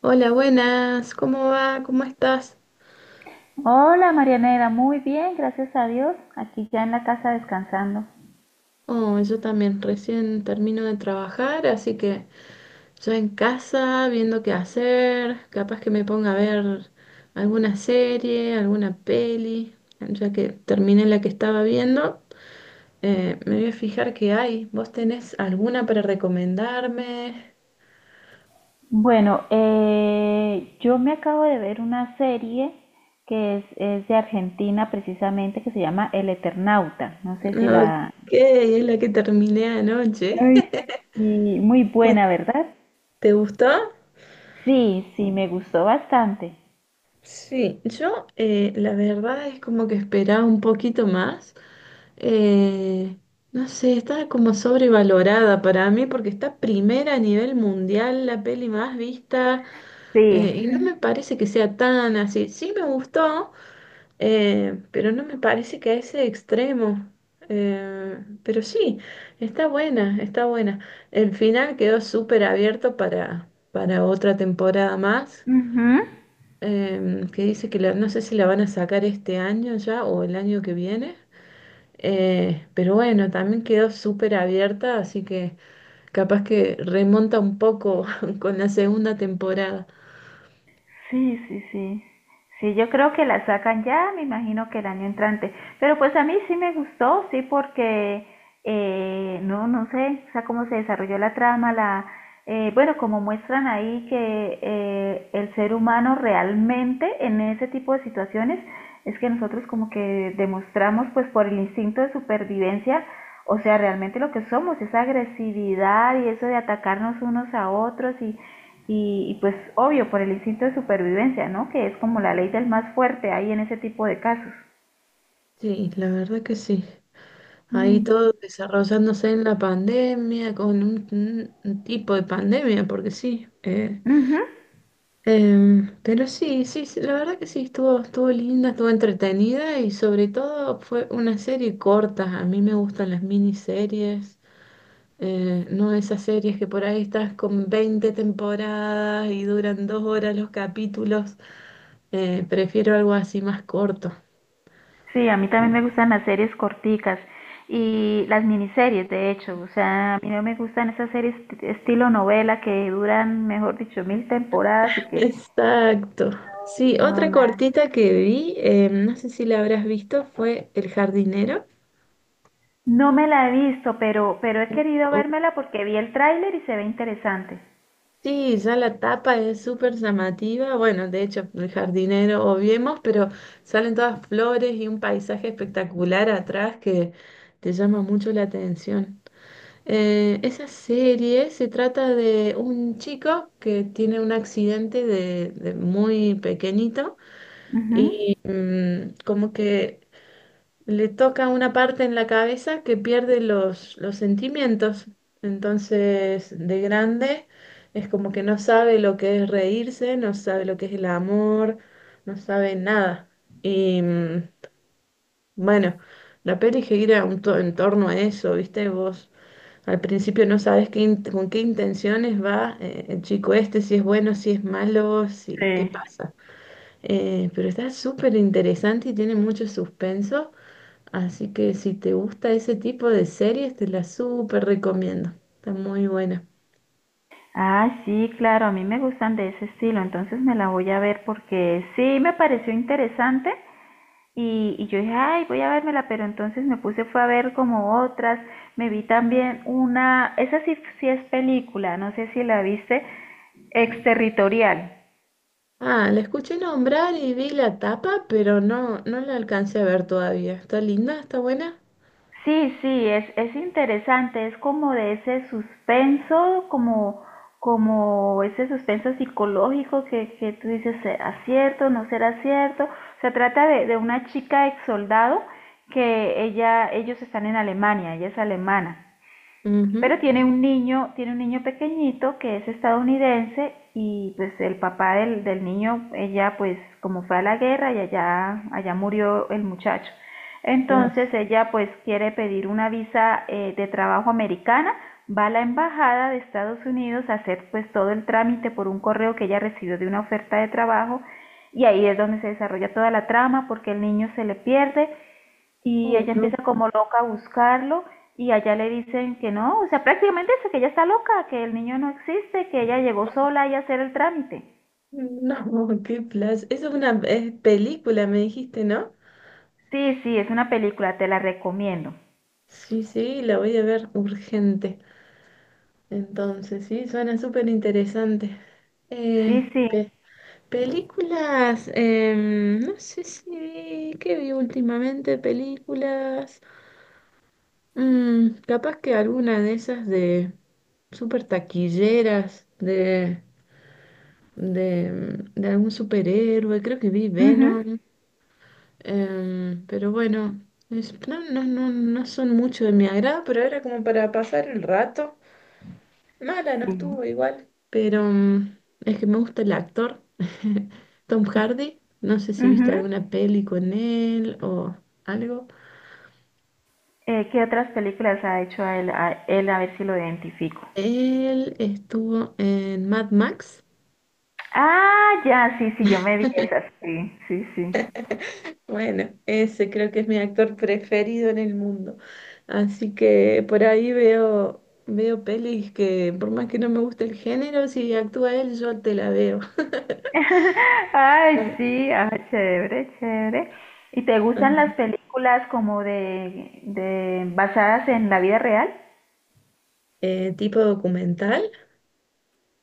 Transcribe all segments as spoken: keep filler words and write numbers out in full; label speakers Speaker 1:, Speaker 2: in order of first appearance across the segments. Speaker 1: Hola, buenas, ¿cómo va? ¿Cómo estás?
Speaker 2: Hola Marianela, muy bien, gracias a Dios. Aquí ya en la casa descansando.
Speaker 1: Oh, yo también recién termino de trabajar, así que yo en casa viendo qué hacer, capaz que me ponga a ver alguna serie, alguna peli, ya que terminé la que estaba viendo, eh, me voy a fijar qué hay. ¿Vos tenés alguna para recomendarme?
Speaker 2: Bueno, eh, yo me acabo de ver una serie que es, es de Argentina precisamente, que se llama El Eternauta. No sé si
Speaker 1: Ok,
Speaker 2: la...
Speaker 1: es la que terminé anoche.
Speaker 2: Ay, y muy
Speaker 1: ¿Y
Speaker 2: buena, ¿verdad?
Speaker 1: te gustó?
Speaker 2: Sí, sí, me gustó bastante.
Speaker 1: Sí, yo eh, la verdad es como que esperaba un poquito más. eh, no sé, está como sobrevalorada para mí porque está primera a nivel mundial, la peli más vista,
Speaker 2: Sí.
Speaker 1: eh, y no me parece que sea tan así. Sí me gustó, eh, pero no me parece que a ese extremo. Eh, pero sí, está buena, está buena. El final quedó súper abierto para, para, otra temporada más
Speaker 2: Ujú.
Speaker 1: em, que dice que la- no sé si la van a sacar este año ya o el año que viene, eh, pero bueno, también quedó súper abierta, así que capaz que remonta un poco con la segunda temporada.
Speaker 2: Sí, sí, sí. Sí, yo creo que la sacan ya, me imagino que el año entrante. Pero pues a mí sí me gustó, sí, porque eh, no, no sé, o sea, cómo se desarrolló la trama, la, eh, bueno, como muestran ahí que eh, el ser humano realmente en ese tipo de situaciones es que nosotros como que demostramos pues por el instinto de supervivencia, o sea, realmente lo que somos, esa agresividad y eso de atacarnos unos a otros y y, y, pues obvio, por el instinto de supervivencia, ¿no? Que es como la ley del más fuerte ahí en ese tipo de casos.
Speaker 1: Sí, la verdad que sí. Ahí todo
Speaker 2: Mm.
Speaker 1: desarrollándose en la pandemia, con un, un- un tipo de pandemia, porque sí, eh,
Speaker 2: Ujú.
Speaker 1: Em, pero sí, sí, sí, la verdad que sí, estuvo, estuvo linda, estuvo entretenida y sobre todo fue una serie corta. A mí me gustan las miniseries, eh, no esas series que por ahí estás con veinte temporadas y duran dos horas los capítulos. Eh, prefiero algo así más corto.
Speaker 2: Sí, a mí también me gustan las series corticas y las miniseries, de hecho. O sea, a mí no me gustan esas series t- estilo novela que duran, mejor dicho, mil temporadas y que...
Speaker 1: Exacto. Sí,
Speaker 2: No,
Speaker 1: otra
Speaker 2: nada.
Speaker 1: cortita que vi, em, no sé si la habrás visto, fue El jardinero.
Speaker 2: No me la he visto, pero, pero he querido vérmela porque vi el tráiler y se ve interesante.
Speaker 1: Sí, ya la tapa es súper llamativa. Bueno, de hecho, el jardinero obviemos, pero salen todas flores y un paisaje espectacular atrás que te llama mucho la atención. Eh, esa serie se trata de un chico que tiene un accidente de, de muy pequeñito
Speaker 2: Ujú.
Speaker 1: y mm, como que le toca una parte en la cabeza que pierde los, los sentimientos. Entonces, de grande, es como que no sabe lo que es reírse, no sabe lo que es el amor, no sabe nada. Y mm, bueno, la peli gira un to- en torno a eso, ¿viste? Vos al principio no sabes qué in- con qué intenciones va eh, el chico este, si es bueno, si es malo,
Speaker 2: Sí.
Speaker 1: si qué pasa. Eh, pero está súper interesante y tiene mucho suspenso. Así que si te gusta ese tipo de series, te la súper recomiendo. Está muy buena.
Speaker 2: Ah, sí, claro, a mí me gustan de ese estilo, entonces me la voy a ver porque sí me pareció interesante y, y yo dije, ay, voy a vérmela, pero entonces me puse fue a ver como otras, me vi también una, esa sí, sí es película, no sé si la viste, Exterritorial.
Speaker 1: Ah, la escuché nombrar y vi la tapa, pero no, no la alcancé a ver todavía. ¿Está linda? ¿Está buena?
Speaker 2: Sí, sí, es, es interesante, es como de ese suspenso, como, como ese suspenso psicológico que, que tú dices, ¿será cierto, no será cierto? Se trata de, de una chica ex soldado que ella, ellos están en Alemania, ella es alemana.
Speaker 1: Ujú.
Speaker 2: Pero tiene un niño, tiene un niño pequeñito que es estadounidense y pues el papá del, del niño, ella pues como fue a la guerra y allá, allá murió el muchacho.
Speaker 1: La-
Speaker 2: Entonces ella pues quiere pedir una visa eh, de trabajo americana, va a la embajada de Estados Unidos a hacer pues todo el trámite por un correo que ella recibió de una oferta de trabajo y ahí es donde se desarrolla toda la trama porque el niño se le pierde y
Speaker 1: oh,
Speaker 2: ella
Speaker 1: no,
Speaker 2: empieza como loca a buscarlo y allá le dicen que no, o sea, prácticamente dice que ella está loca, que el niño no existe, que ella llegó sola y a hacer el trámite.
Speaker 1: no, qué plaza. Es una es película, me dijiste, ¿no?
Speaker 2: Sí, sí, es una película, te la recomiendo.
Speaker 1: Sí, sí, la voy a ver urgente. Entonces, sí, suena súper interesante. Eh,
Speaker 2: Sí, sí.
Speaker 1: Películas, em, no sé si qué vi últimamente, películas, Mm, capaz que alguna de esas de super taquilleras, de, de, mm, de algún superhéroe, creo que vi
Speaker 2: Mhm.
Speaker 1: Venom, em, pero bueno, es- no, no, no, no son mucho de mi agrado, pero era como para pasar el rato. Mala no
Speaker 2: Sí.
Speaker 1: estuvo igual, pero mm, es que me gusta el actor, Tom Hardy. No sé si viste
Speaker 2: Mhm.
Speaker 1: alguna peli con él o algo.
Speaker 2: ¿Qué otras películas ha hecho a él, a él? A ver si lo identifico.
Speaker 1: Él estuvo en Mad Max.
Speaker 2: Ah, ya, sí, sí, yo me vi esas. Sí, sí, sí.
Speaker 1: Bueno, ese creo que es mi actor preferido en el mundo. Así que por ahí veo, veo, pelis que por más que no me guste el género, si actúa él, yo te la veo.
Speaker 2: Ay, sí, ah, chévere, chévere. ¿Y te gustan
Speaker 1: Ah.
Speaker 2: las películas como de, de basadas en la vida real?
Speaker 1: Eh, tipo documental.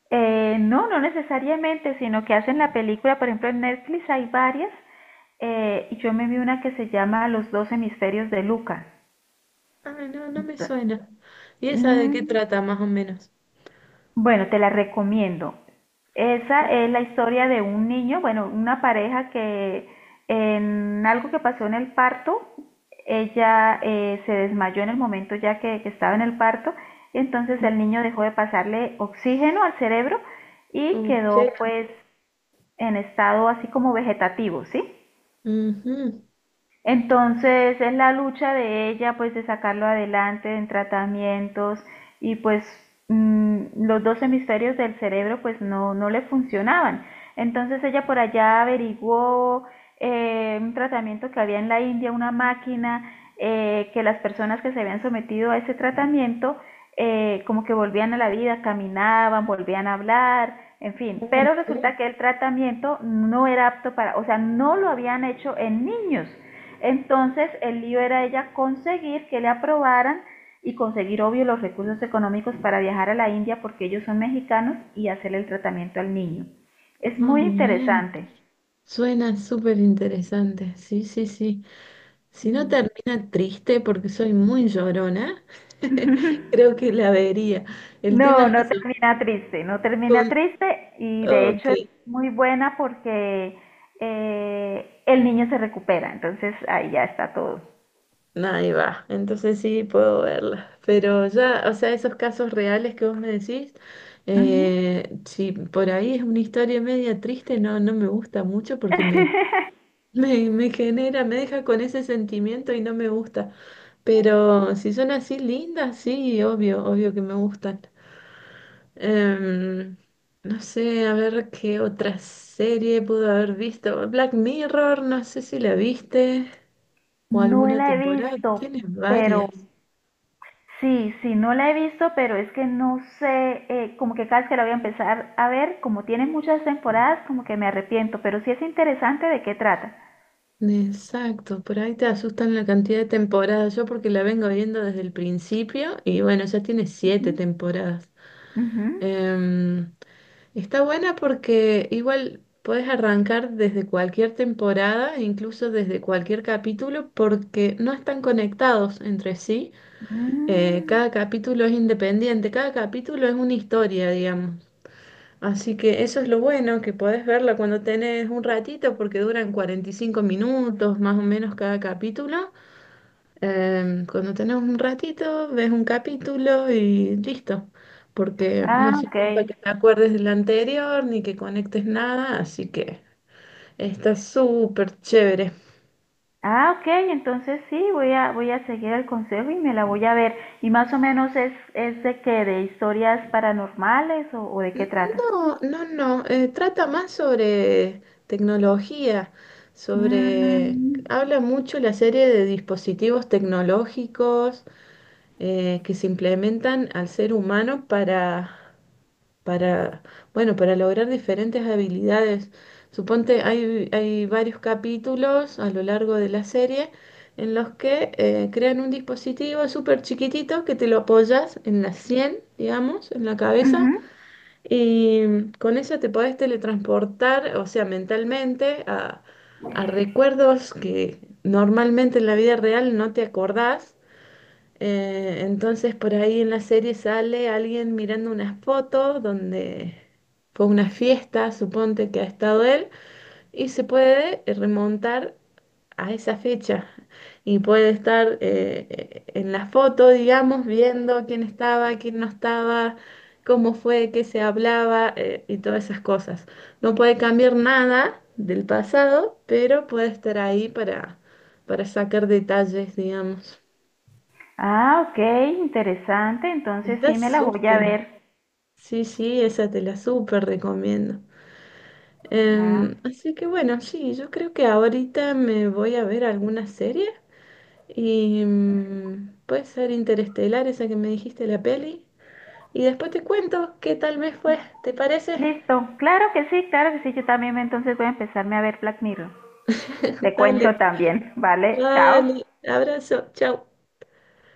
Speaker 2: Eh, no, no necesariamente, sino que hacen la película, por ejemplo, en Netflix hay varias, eh, y yo me vi una que se llama Los dos hemisferios de Luca.
Speaker 1: Ah, no, no me
Speaker 2: Ento-
Speaker 1: suena. ¿Y esa de
Speaker 2: mm,
Speaker 1: qué trata más o menos?
Speaker 2: Bueno, te la recomiendo. Esa es la historia de un niño, bueno, una pareja que en algo que pasó en el parto, ella eh, se desmayó en el momento ya que, que estaba en el parto, y entonces el niño dejó de pasarle oxígeno al cerebro y quedó
Speaker 1: Ok.
Speaker 2: pues en estado así como vegetativo, ¿sí?
Speaker 1: Ujú.
Speaker 2: Entonces es la lucha de ella pues de sacarlo adelante en tratamientos y pues mm, los dos hemisferios del cerebro pues no, no le funcionaban. Entonces ella por allá averiguó eh, un tratamiento que había en la India, una máquina eh, que las personas que se habían sometido a ese tratamiento eh, como que volvían a la vida, caminaban, volvían a hablar, en fin, pero resulta que el tratamiento no era apto para, o sea, no lo habían hecho en niños. Entonces el lío era ella conseguir que le aprobaran y conseguir, obvio, los recursos económicos para viajar a la India porque ellos son mexicanos y hacer el tratamiento al niño. Es
Speaker 1: Ah,
Speaker 2: muy
Speaker 1: bien.
Speaker 2: interesante.
Speaker 1: Suena súper interesante. Sí, sí, sí. Si no
Speaker 2: Ujú.
Speaker 1: termina triste, porque soy muy llorona, creo que la vería. El tema
Speaker 2: No,
Speaker 1: es
Speaker 2: no
Speaker 1: eso.
Speaker 2: termina triste, no termina
Speaker 1: Con...
Speaker 2: triste y de
Speaker 1: Ok,
Speaker 2: hecho es muy buena porque eh, el niño se recupera, entonces ahí ya está todo.
Speaker 1: ahí va. Entonces sí puedo verla. Pero ya, o sea, esos casos reales que vos me decís,
Speaker 2: Ujú.
Speaker 1: eh, si por ahí es una historia media triste, no, no me gusta mucho porque me Me, me genera, me deja con ese sentimiento y no me gusta. Pero si son así lindas, sí, obvio, obvio que me gustan. Em, no sé, a ver qué otra serie pudo haber visto. Black Mirror, no sé si la viste o
Speaker 2: No
Speaker 1: alguna
Speaker 2: la he
Speaker 1: temporada.
Speaker 2: visto,
Speaker 1: Tienes varias.
Speaker 2: pero sí, sí, no la he visto, pero es que no sé, eh, como que cada vez que la voy a empezar a ver, como tiene muchas temporadas, como que me arrepiento, pero sí es interesante de qué trata.
Speaker 1: Exacto, por ahí te asustan la cantidad de temporadas. Yo porque la vengo viendo desde el principio y bueno, ya tiene
Speaker 2: Ujú,
Speaker 1: siete temporadas.
Speaker 2: ujú.
Speaker 1: Em, está buena porque igual puedes arrancar desde cualquier temporada, e incluso desde cualquier capítulo, porque no están conectados entre sí. Eh,
Speaker 2: Mm.
Speaker 1: cada capítulo es independiente, cada capítulo es una historia, digamos. Así que eso es lo bueno, que podés verla cuando tenés un ratito, porque duran cuarenta y cinco minutos más o menos cada capítulo. Em, cuando tenés un ratito, ves un capítulo y listo, porque no
Speaker 2: Ah,
Speaker 1: hace
Speaker 2: ok.
Speaker 1: falta que te acuerdes del anterior ni que conectes nada, así que está súper chévere.
Speaker 2: Ah, ok, entonces sí, voy a, voy a seguir el consejo y me la voy a ver. Y más o menos es, es de qué, de historias paranormales o, o de qué trata.
Speaker 1: No, no, no, eh, trata más sobre tecnología, sobre...
Speaker 2: Mm,
Speaker 1: Habla mucho la serie de dispositivos tecnológicos eh, que se implementan al ser humano para para, bueno, para lograr diferentes habilidades. Suponte, hay, hay varios capítulos a lo largo de la serie en los que eh, crean un dispositivo súper chiquitito que te lo apoyas en la sien, digamos, en la cabeza,
Speaker 2: ujú.
Speaker 1: y con eso te podés teletransportar, o sea, mentalmente a, a recuerdos que normalmente en la vida real no te acordás. Eh, entonces por ahí en la serie sale alguien mirando unas fotos donde fue una fiesta, suponte que ha estado él, y se puede eh, remontar a esa fecha y puede estar eh, eh, en la foto, digamos, viendo quién estaba, quién no estaba, cómo fue, qué se hablaba eh, y todas esas cosas. No puede cambiar nada del pasado, pero puede estar ahí para, para, sacar detalles, digamos.
Speaker 2: Ah, ok, interesante, entonces
Speaker 1: Está
Speaker 2: sí me la voy a
Speaker 1: súper.
Speaker 2: ver.
Speaker 1: Sí, sí, esa te la súper recomiendo.
Speaker 2: Ah,
Speaker 1: Em, así que bueno, sí, yo creo que ahorita me voy a ver alguna serie y mm, puede ser Interestelar, esa que me dijiste la peli, y después te cuento qué tal me fue, ¿te parece?
Speaker 2: listo, claro que sí, claro que sí, yo también entonces voy a empezarme a ver Black Mirror. Te
Speaker 1: Dale,
Speaker 2: cuento también, ¿vale? Chao.
Speaker 1: vale, abrazo, chao.